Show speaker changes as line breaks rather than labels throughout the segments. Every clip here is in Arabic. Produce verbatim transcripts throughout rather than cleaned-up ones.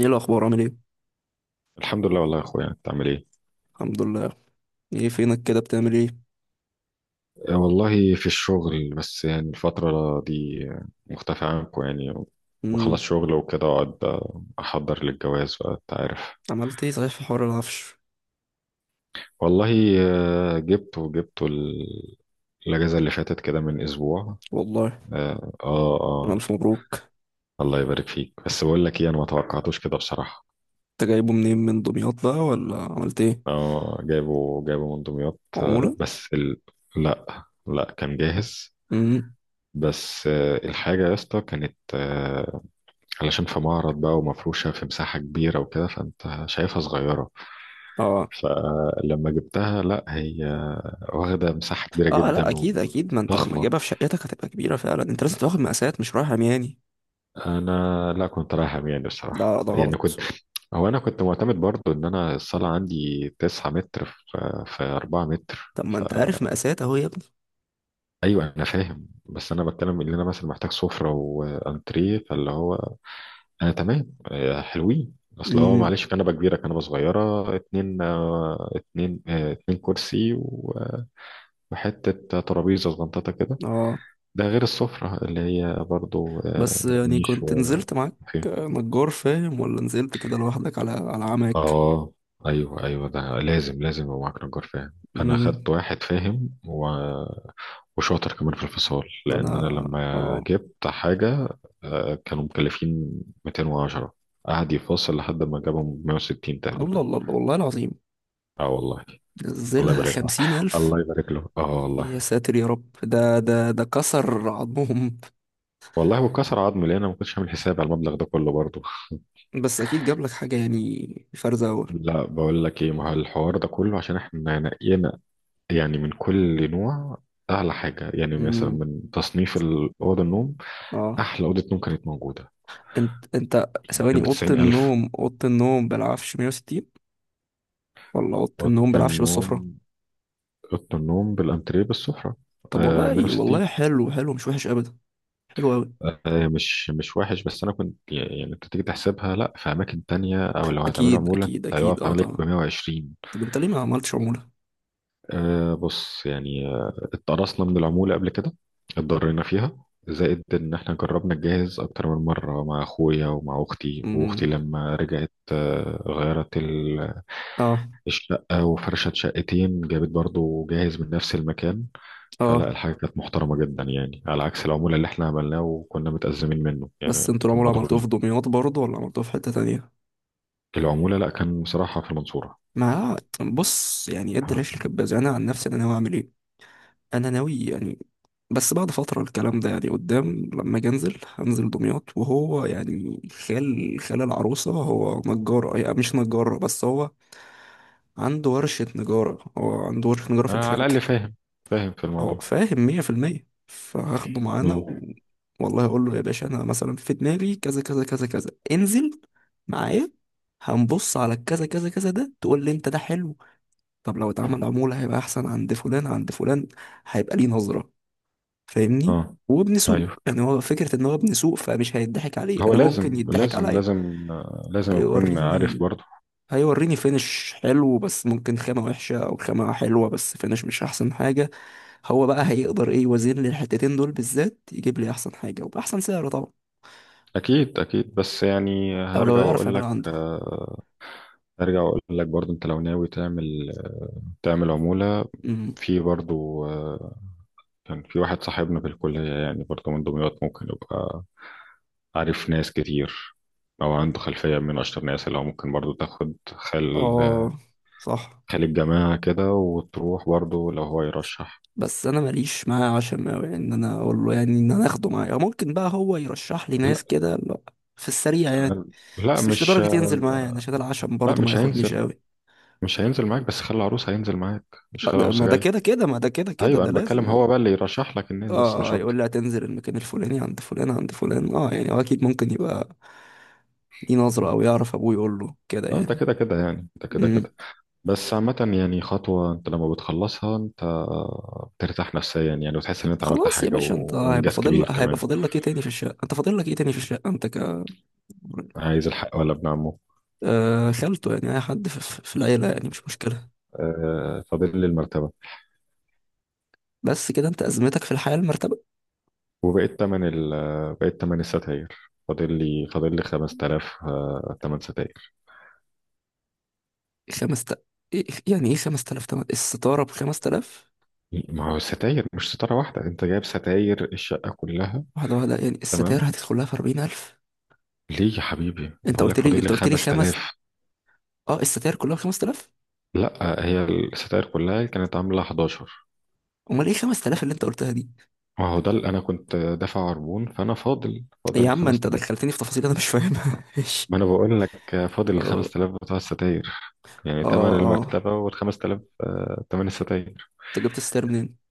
ايه الاخبار؟ عامل ايه؟
الحمد لله، والله يا اخويا انت عامل ايه؟
الحمد لله. ايه فينك كده؟ بتعمل ايه؟
آه، والله في الشغل، بس يعني الفترة دي مختفي عنكم يعني. بخلص
امم.
شغل وكده اقعد، آه، احضر للجواز بقى، انت عارف.
عملت ايه صحيح في حوار العفش؟
والله آه، جبته، جبته ال- الاجازة اللي فاتت كده من اسبوع.
والله.
اه اه آه،
الف مبروك.
الله يبارك فيك. بس بقول لك ايه، انا ما توقعتوش كده بصراحة.
انت جايبه منين؟ من دمياط بقى ولا عملت ايه؟
اه جايبه، جايبه من دمياط، آه،
عموله؟
بس ال... لا لا، كان جاهز.
امم.
بس آه، الحاجة يا اسطى كانت آه، علشان في معرض بقى، ومفروشة في مساحة كبيرة وكده، فانت شايفها صغيرة.
اه،
فلما جبتها، لا هي واخدة مساحة كبيرة
اه. لا،
جدا
اكيد اكيد، ما انت لما
وضخمة.
تجيبها في شقتك هتبقى كبيره فعلا. انت لازم تاخد مقاسات، مش رايح عمياني.
انا لا، كنت رايح عمياني الصراحة،
لا، ده
يعني كنت،
غلط.
هو انا كنت معتمد برضو ان انا الصالة عندي تسعة متر في في أربعة متر.
طب ما انت عارف مقاسات اهو يا ابني.
ايوه انا فاهم، بس انا بتكلم ان انا مثلا محتاج سفرة وانتريه، فاللي هو آه تمام، آه حلوين. اصل هو
امم.
معلش، كنبه كبيره، كنبه صغيره، اتنين آه اتنين آه اتنين كرسي، و- آه، وحته ترابيزه صغنططه كده.
اه.
ده غير السفره اللي هي برضو
بس
آه
يعني
نيش،
كنت نزلت
وفيه
معاك نجار فاهم، ولا نزلت كده لوحدك على على عمك؟
اه. ايوه ايوه، ده لازم لازم يبقى معاك نجار فاهم. انا خدت
امم.
واحد فاهم و... وشاطر كمان في الفصال،
انا.
لان انا لما
اه.
جبت حاجه آه كانوا مكلفين مياتين وعشرة، قعد يفاصل لحد ما جابهم مائة وستين
الله
تقريبا.
الله الله، والله العظيم.
اه والله. الله
نزلها
يبارك له،
خمسين ألف.
الله يبارك له، اه
يا
والله.
ساتر يا رب، ده ده ده كسر عظمهم.
والله وكسر عظمي، لان انا ما كنتش عامل حساب على المبلغ ده كله برضه.
بس أكيد جاب لك حاجة يعني، فرزة أول.
لا بقول لك ايه، ما هو الحوار ده كله عشان احنا نقينا يعني من كل نوع اعلى حاجه. يعني مثلا
أمم،
من تصنيف اوضه النوم،
اه.
احلى اوضه نوم كانت موجوده
أنت أنت
يعني
ثواني،
كانت ب
أوضة
تسعين ألف.
النوم أوضة النوم بالعفش مية وستين؟ ولا أوضة
اوضه
النوم بالعفش بالسفرة؟
النوم، اوضه النوم بالانتريه بالسفره
طب
آه
والله والله،
مية وستين.
حلو حلو، مش وحش أبدا. حلو أوي.
آه، مش، مش وحش، بس انا كنت يعني كنت تيجي تحسبها لا، في اماكن تانية، او لو هتعملوا
أكيد
عمولة انت
أكيد أكيد،
هيقف
اه
عليك
طبعا.
ب مية وعشرين.
طب أنت ليه ما عملتش عمولة؟
أه بص يعني، آه، اتقرصنا من العمولة قبل كده، اتضرينا فيها. زائد ان احنا جربنا نجهز اكتر من مرة، مع اخويا ومع اختي، واختي
أمم،
لما رجعت آه، غيرت ال-
اه،
الشقة، وفرشت شقتين، جابت برضو جاهز من نفس المكان. فلا،
اه.
الحاجة كانت محترمة جدا يعني، على عكس العمولة اللي احنا عملناه وكنا متأزمين منه،
بس
يعني
أنتوا
كنا
العمولة عملتوها في
مضرورين.
دمياط برضه، ولا عملتوها في حتة تانية؟
العمولة لا، كان بصراحة في المنصورة.
ما بص، يعني ادي
آه.
العيش لكباز. انا عن نفسي، انا ناوي اعمل ايه، انا ناوي يعني بس بعد فتره، الكلام ده يعني قدام. لما اجي انزل، هنزل دمياط، وهو يعني خال خال العروسه هو نجار، يعني مش نجار بس هو عنده ورشه نجاره. هو عنده ورشه نجاره في
آه على
الكلانكا.
الأقل فاهم، فاهم في
هو
الموضوع.
فاهم مية في المية، فهاخده معانا
مم.
و... والله اقول له يا باشا، انا مثلا في دماغي كذا كذا كذا كذا، انزل معايا. هنبص على الكذا كذا كذا ده، تقول لي انت ده حلو. طب لو اتعمل عمولة هيبقى أحسن، عند فلان عند فلان هيبقى ليه نظرة. فاهمني؟
اه
وابن سوق،
ايوه،
يعني هو فكرة إن هو ابن سوق فمش هيضحك عليه.
هو
أنا ممكن
لازم
يضحك
لازم
عليا.
لازم آه، لازم أكون عارف
هيوريني.
برضه.
هيوريني فينش حلو، بس ممكن خامة وحشة، أو خامة حلوة بس فينش مش أحسن حاجة. هو بقى هيقدر إيه، يوازن لي الحتتين دول بالذات، يجيب لي أحسن حاجة وبأحسن سعر طبعا.
أكيد أكيد، بس يعني
أو لو
هرجع
يعرف
وأقول
يعملها
لك،
عنده.
آه، هرجع وأقول لك برضه، أنت لو ناوي تعمل تعمل عمولة،
امم.
في برضه آه، كان في واحد صاحبنا في الكلية، يعني برضه من دمياط، ممكن يبقى عارف ناس كتير، أو عنده خلفية من أشطر ناس، اللي هو ممكن برضه تاخد خل
آه. صح.
خلي الجماعة كده وتروح برضو لو هو يرشح.
بس انا ماليش معاه عشم اوي ان انا اقول له، يعني ان انا اخده معايا. أو ممكن بقى هو يرشح لي
لا
ناس كده، لا، في السريع يعني.
لا
بس مش
مش،
لدرجة ينزل معايا يعني، عشان العشم
لا
برضه ما
مش
ياخدنيش
هينزل،
قوي.
مش هينزل معاك، بس خلي العروس هينزل معاك، مش
ما
خلي
ده، ما
العروسة
ده
جاي.
كده كده، ما ده كده كده،
ايوه
ده
انا بتكلم،
لازم اه.
هو بقى اللي يرشح لك الناس، بس
اه
مش
آه، يقول
اكتر.
لي هتنزل المكان الفلاني عند فلان عند فلان. اه يعني هو اكيد ممكن يبقى ليه نظرة، او يعرف ابوه يقول له كده
اه، ده
يعني.
كده كده يعني، ده كده
امم.
كده. بس عامة يعني خطوة، انت لما بتخلصها انت بترتاح نفسيا يعني، وتحس ان
انت
انت عملت
خلاص يا
حاجة
باشا، انت
و...
هيبقى
وانجاز
فاضل
كبير
هيبقى
كمان.
فاضل لك ايه تاني في الشقة؟ انت فاضل لك ايه تاني في الشقة؟ انت ك
عايز الحق ولا ابن عمه؟
آه، خالته يعني، أي حد في, في في العيلة، يعني مش مشكلة.
آه فاضل لي المرتبة،
بس كده أنت أزمتك في الحياة المرتبة.
وبقيت تمن ال بقيت تمن الستاير. فاضل لي فاضل لي خمسة الاف آه، تمن ستاير.
خمس تا... إيه يعني، إيه خمس تلاف تمن الستارة بخمس تلاف؟
ما هو الستاير مش ستارة واحدة، انت جايب ستاير الشقة كلها.
واحدة واحدة يعني،
تمام.
الستاير هتدخلها في أربعين ألف.
ليه يا حبيبي،
أنت
بقول
قلت
لك
لي
فاضل لي
أنت قلت لي خمس.
خمس تلاف.
أه، الستاير كلها بخمس تلاف.
لا، هي الستاير كلها كانت عاملة احد عشر.
أمال إيه خمس تلاف اللي أنت قلتها دي؟
ما هو ده اللي انا كنت دافع عربون، فانا فاضل
يا
فاضل
عم أنت
خمسة الاف.
دخلتني في تفاصيل أنا مش فاهمها إيش.
ما انا بقول لك آه، فاضل ال
أه،
خمس تلاف بتوع الستاير. يعني تمن
أه. أه،
المرتبة وال خمسة الاف تمن الستاير.
أنت جبت الستاير منين؟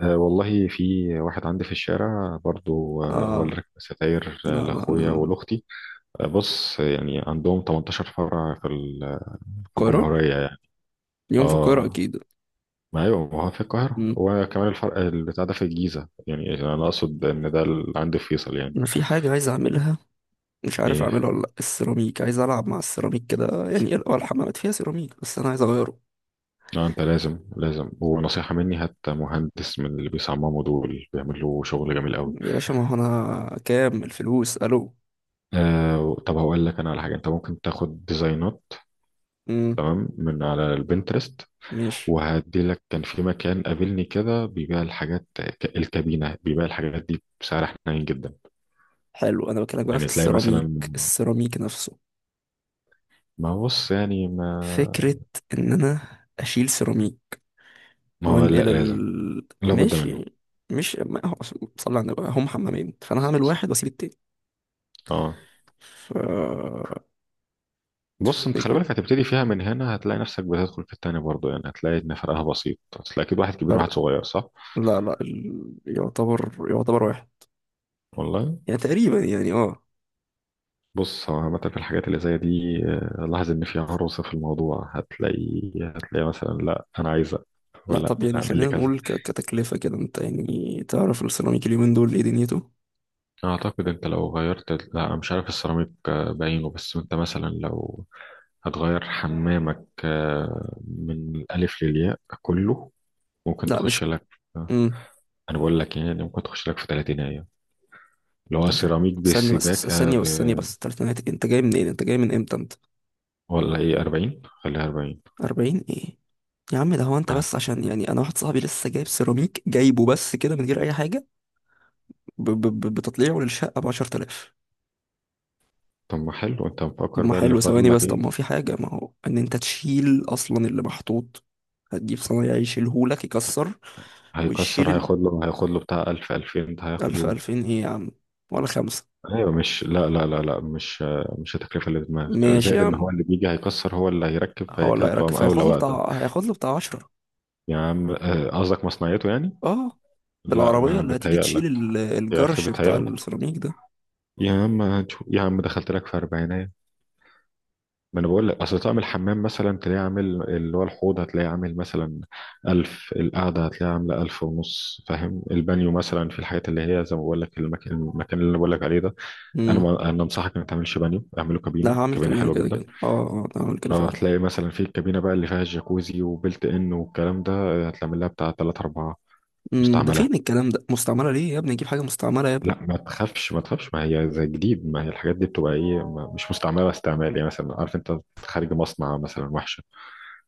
أه والله، في واحد عندي في الشارع برضو، أه هو اللي
أه.
ركب ستاير
لا،
أه
لا،
لأخويا
لا.
ولأختي. أه بص، يعني عندهم تمنتاشر فرع في ال- في
القاهرة.
الجمهورية يعني.
يوم في القاهرة
اه
أكيد.
ما ايوه، ما هو في القاهرة،
أمم.
وكمان الفرع البتاع ده في الجيزة يعني، أنا أقصد إن ده اللي عندي في فيصل يعني.
أنا في حاجة عايز أعملها، مش عارف
إيه؟
اعمله ولا لأ. السيراميك، عايز العب مع السيراميك كده. يعني هو الحمامات فيها سيراميك، بس انا عايز اغيره.
لا أنت لازم، لازم، ونصيحة مني، هات مهندس من اللي بيصمموا دول، بيعملوا شغل جميل قوي.
يا باشا، ما هو انا كام الفلوس الو.
آه طب هقول لك أنا على حاجة، أنت ممكن تاخد ديزاينات
امم.
تمام من على البنترست،
ماشي.
وهدي لك. كان في مكان قابلني كده بيبيع الحاجات ك- الكابينة، بيبيع الحاجات دي بسعر حنين جدا.
حلو، انا بكلمك بقى في
يعني تلاقي
السيراميك،
مثلا،
السيراميك نفسه.
ما هو بص يعني ما
فكرة ان انا اشيل سيراميك
ما هو لا
وانقل
لازم،
ال
لابد منه.
ماشي. مش، ما هو صلي على النبي، هم حمامين، فانا هعمل واحد واسيب التاني.
اه
ف
بص، انت خلي
افتكر.
بالك، هتبتدي فيها من هنا، هتلاقي نفسك بتدخل في التاني برضه يعني، هتلاقي ان فرقها بسيط. هتلاقي اكيد واحد كبير وواحد
فرق.
صغير، صح؟
لا، لا، ال... يعتبر يعتبر واحد.
والله.
يعني تقريبا يعني، اه.
بص، هو عامة في الحاجات اللي زي دي آه، لاحظ ان في عروسة في الموضوع، هتلاقي، هتلاقي مثلا لا انا عايزة،
لا
ولا
طب، يعني
اعمل
خلينا
لي كذا.
نقول ك- كتكلفة كده. انت يعني تعرف السيراميك اليومين دول ايه دنيته؟
أعتقد أنت لو غيرت، لا أنا مش عارف السيراميك آه، بعينه، بس أنت مثلا لو هتغير حمامك آه، من الألف للياء كله، ممكن
لا مش.
تخش لك آه،
امم.
أنا بقول لك يعني ممكن تخش لك في تلاتين أيام، اللي هو سيراميك
ثانية بس،
بالسباكة
ثانية
ب...
بس، ثانية بس. تلاتينات؟ انت جاي منين؟ انت جاي من امتى انت؟
ولا إيه، أربعين، خليها اربعين.
أربعين ايه يا عم ده؟ هو انت
آه.
بس، عشان يعني انا واحد صاحبي لسه جايب سيراميك، جايبه بس كده من غير اي حاجة، ب... ب... ب- بتطليعه للشقة ب عشرة آلاف.
طب ما حلو، أنت
طب
مفكر
ما
بقى اللي
حلو،
فاضل
ثواني
لك
بس، طب
إيه.
ما هو في حاجة، ما هو ان انت تشيل اصلا اللي محطوط، هتجيب صنايعي يشيلهولك يكسر ويشيل
هيكسر،
ال-
هياخد له هياخد له بتاع الف، ألفين، ده هياخد
ألف،
يوم.
ألفين ايه يا عم، ولا خمسة؟
ايوه، مش لا لا لا لا مش مش التكلفه اللي في دماغك.
ماشي يا
زائد ان
عم.
هو اللي بيجي هيكسر هو اللي هيركب، فهي
هو اللي
كده
هيركب
بتبقى
فهياخد
مقاوله
له
واقده.
بتاع هياخد له بتاع عشرة
يا عم آه، قصدك مصنعيته يعني.
اه.
لا
بالعربية
ما
اللي هتيجي تشيل
بتهيألك،
ال-
يا اخي
الجرش بتاع
بتهيألك.
السيراميك ده.
يا عم هنشوف. يا عم دخلت لك في اربعينات. ما انا بقول لك، اصل طقم الحمام مثلا تلاقيه عامل، اللي هو الحوض هتلاقيه عامل مثلا ألف، القعدة هتلاقيها عاملة ألف ونص، فاهم؟ البانيو مثلا، في الحاجات اللي هي زي ما بقول لك، المكان، المكان اللي انا بقول لك عليه ده، انا،
امم.
ما انا انصحك ما تعملش بانيو، اعمله
لا،
كابينة،
هعمل
كابينة
كابينة
حلوة
كده
جدا.
كده، اه اه أنا هعمل كده
اه
فعلا.
هتلاقي مثلا في الكابينة بقى اللي فيها الجاكوزي وبلت ان والكلام ده آه، هتعمل لها بتاع ثلاثة، اربعة.
امم. ده
مستعملة؟
فين الكلام ده مستعملة؟ ليه يا ابني اجيب حاجة مستعملة يا ابني؟
لا ما تخافش، ما تخافش، ما هي زي جديد. ما هي الحاجات دي بتبقى ايه، ما- مش مستعملة استعمال يعني، مثلا عارف انت، خارج مصنع مثلا وحشة.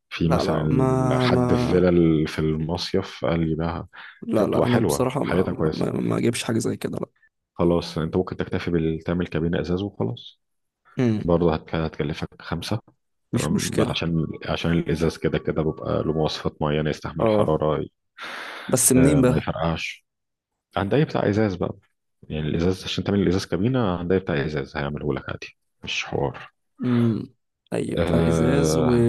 في
لا،
مثلا
لا،
ال-
ما
حد في
ما
فيلا ال- في المصيف قال لي بقى،
لا، لا،
فبتبقى
انا
حلوة
بصراحة ما
حالتها
ما,
كويسة.
ما ما اجيبش حاجة زي كده، لا.
خلاص انت ممكن تكتفي بتعمل كابينة ازاز وخلاص.
امم.
برضه هت- هتكلفك خمسة.
مش
تمام بقى،
مشكلة.
عشان، عشان الازاز كده كده بيبقى له مواصفات معينه، يستحمل
اه.
حراره
بس منين
آه، ما
بقى؟
يفرقعش. هنداية بتاع ازاز بقى، يعني الازاز، عشان تعمل الازاز كابينه، هنداية بتاع ازاز هيعمله لك عادي، مش حوار.
امم. اي بتاع ازاز و...
أه.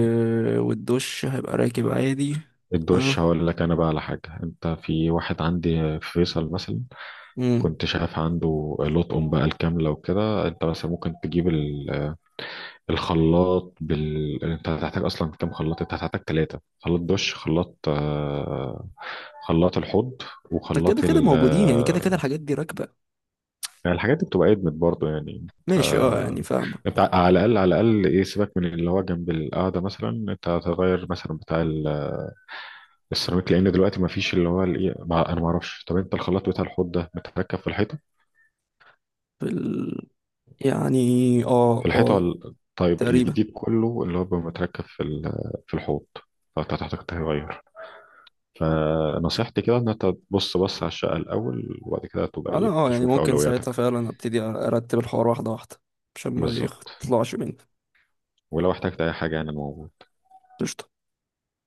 والدش هيبقى راكب عادي.
الدش
اه.
هقول لك انا بقى على حاجه، انت في واحد عندي في فيصل مثلا
امم.
كنت شايف عنده لطقم بقى الكامله، وكده انت مثلا ممكن تجيب ال- الخلاط بال، انت هتحتاج اصلا كام خلاط؟ انت هتحتاج ثلاثه خلاط، دش، خلاط آه، خلاط الحوض،
ده كده
وخلاط
كده
ال...
موجودين يعني، كده كده الحاجات دي راكبة.
يعني الحاجات دي بتبقى ادمت برضه يعني انت،
ماشي اه، يعني فاهمة.
انت على الاقل، على الاقل ايه، سيبك من اللي هو جنب القعده مثلا، انت هتغير مثلا بتاع ال- السيراميك، لان دلوقتي ما فيش اللي هو الايه، ما انا ما اعرفش. طب انت الخلاط بتاع الحوض ده متركب في الحيطه،
في ال... يعني. اه،
في الحيطه؟
اه.
ولا طيب
تقريبا.
الجديد كله اللي هو بيبقى متركب في ال- في الحوض؟ فانت هتحتاج تغير. فنصيحتي كده ان انت تبص، بص على الشقه الاول، وبعد كده تبقى
انا
ايه،
اه يعني
تشوف
ممكن ساعتها
اولوياتك.
فعلا ابتدي ارتب الحوار واحدة واحدة عشان ما
بالظبط.
يطلعش مني.
ولو احتجت اي حاجه يعني، انا موجود.
قشطة.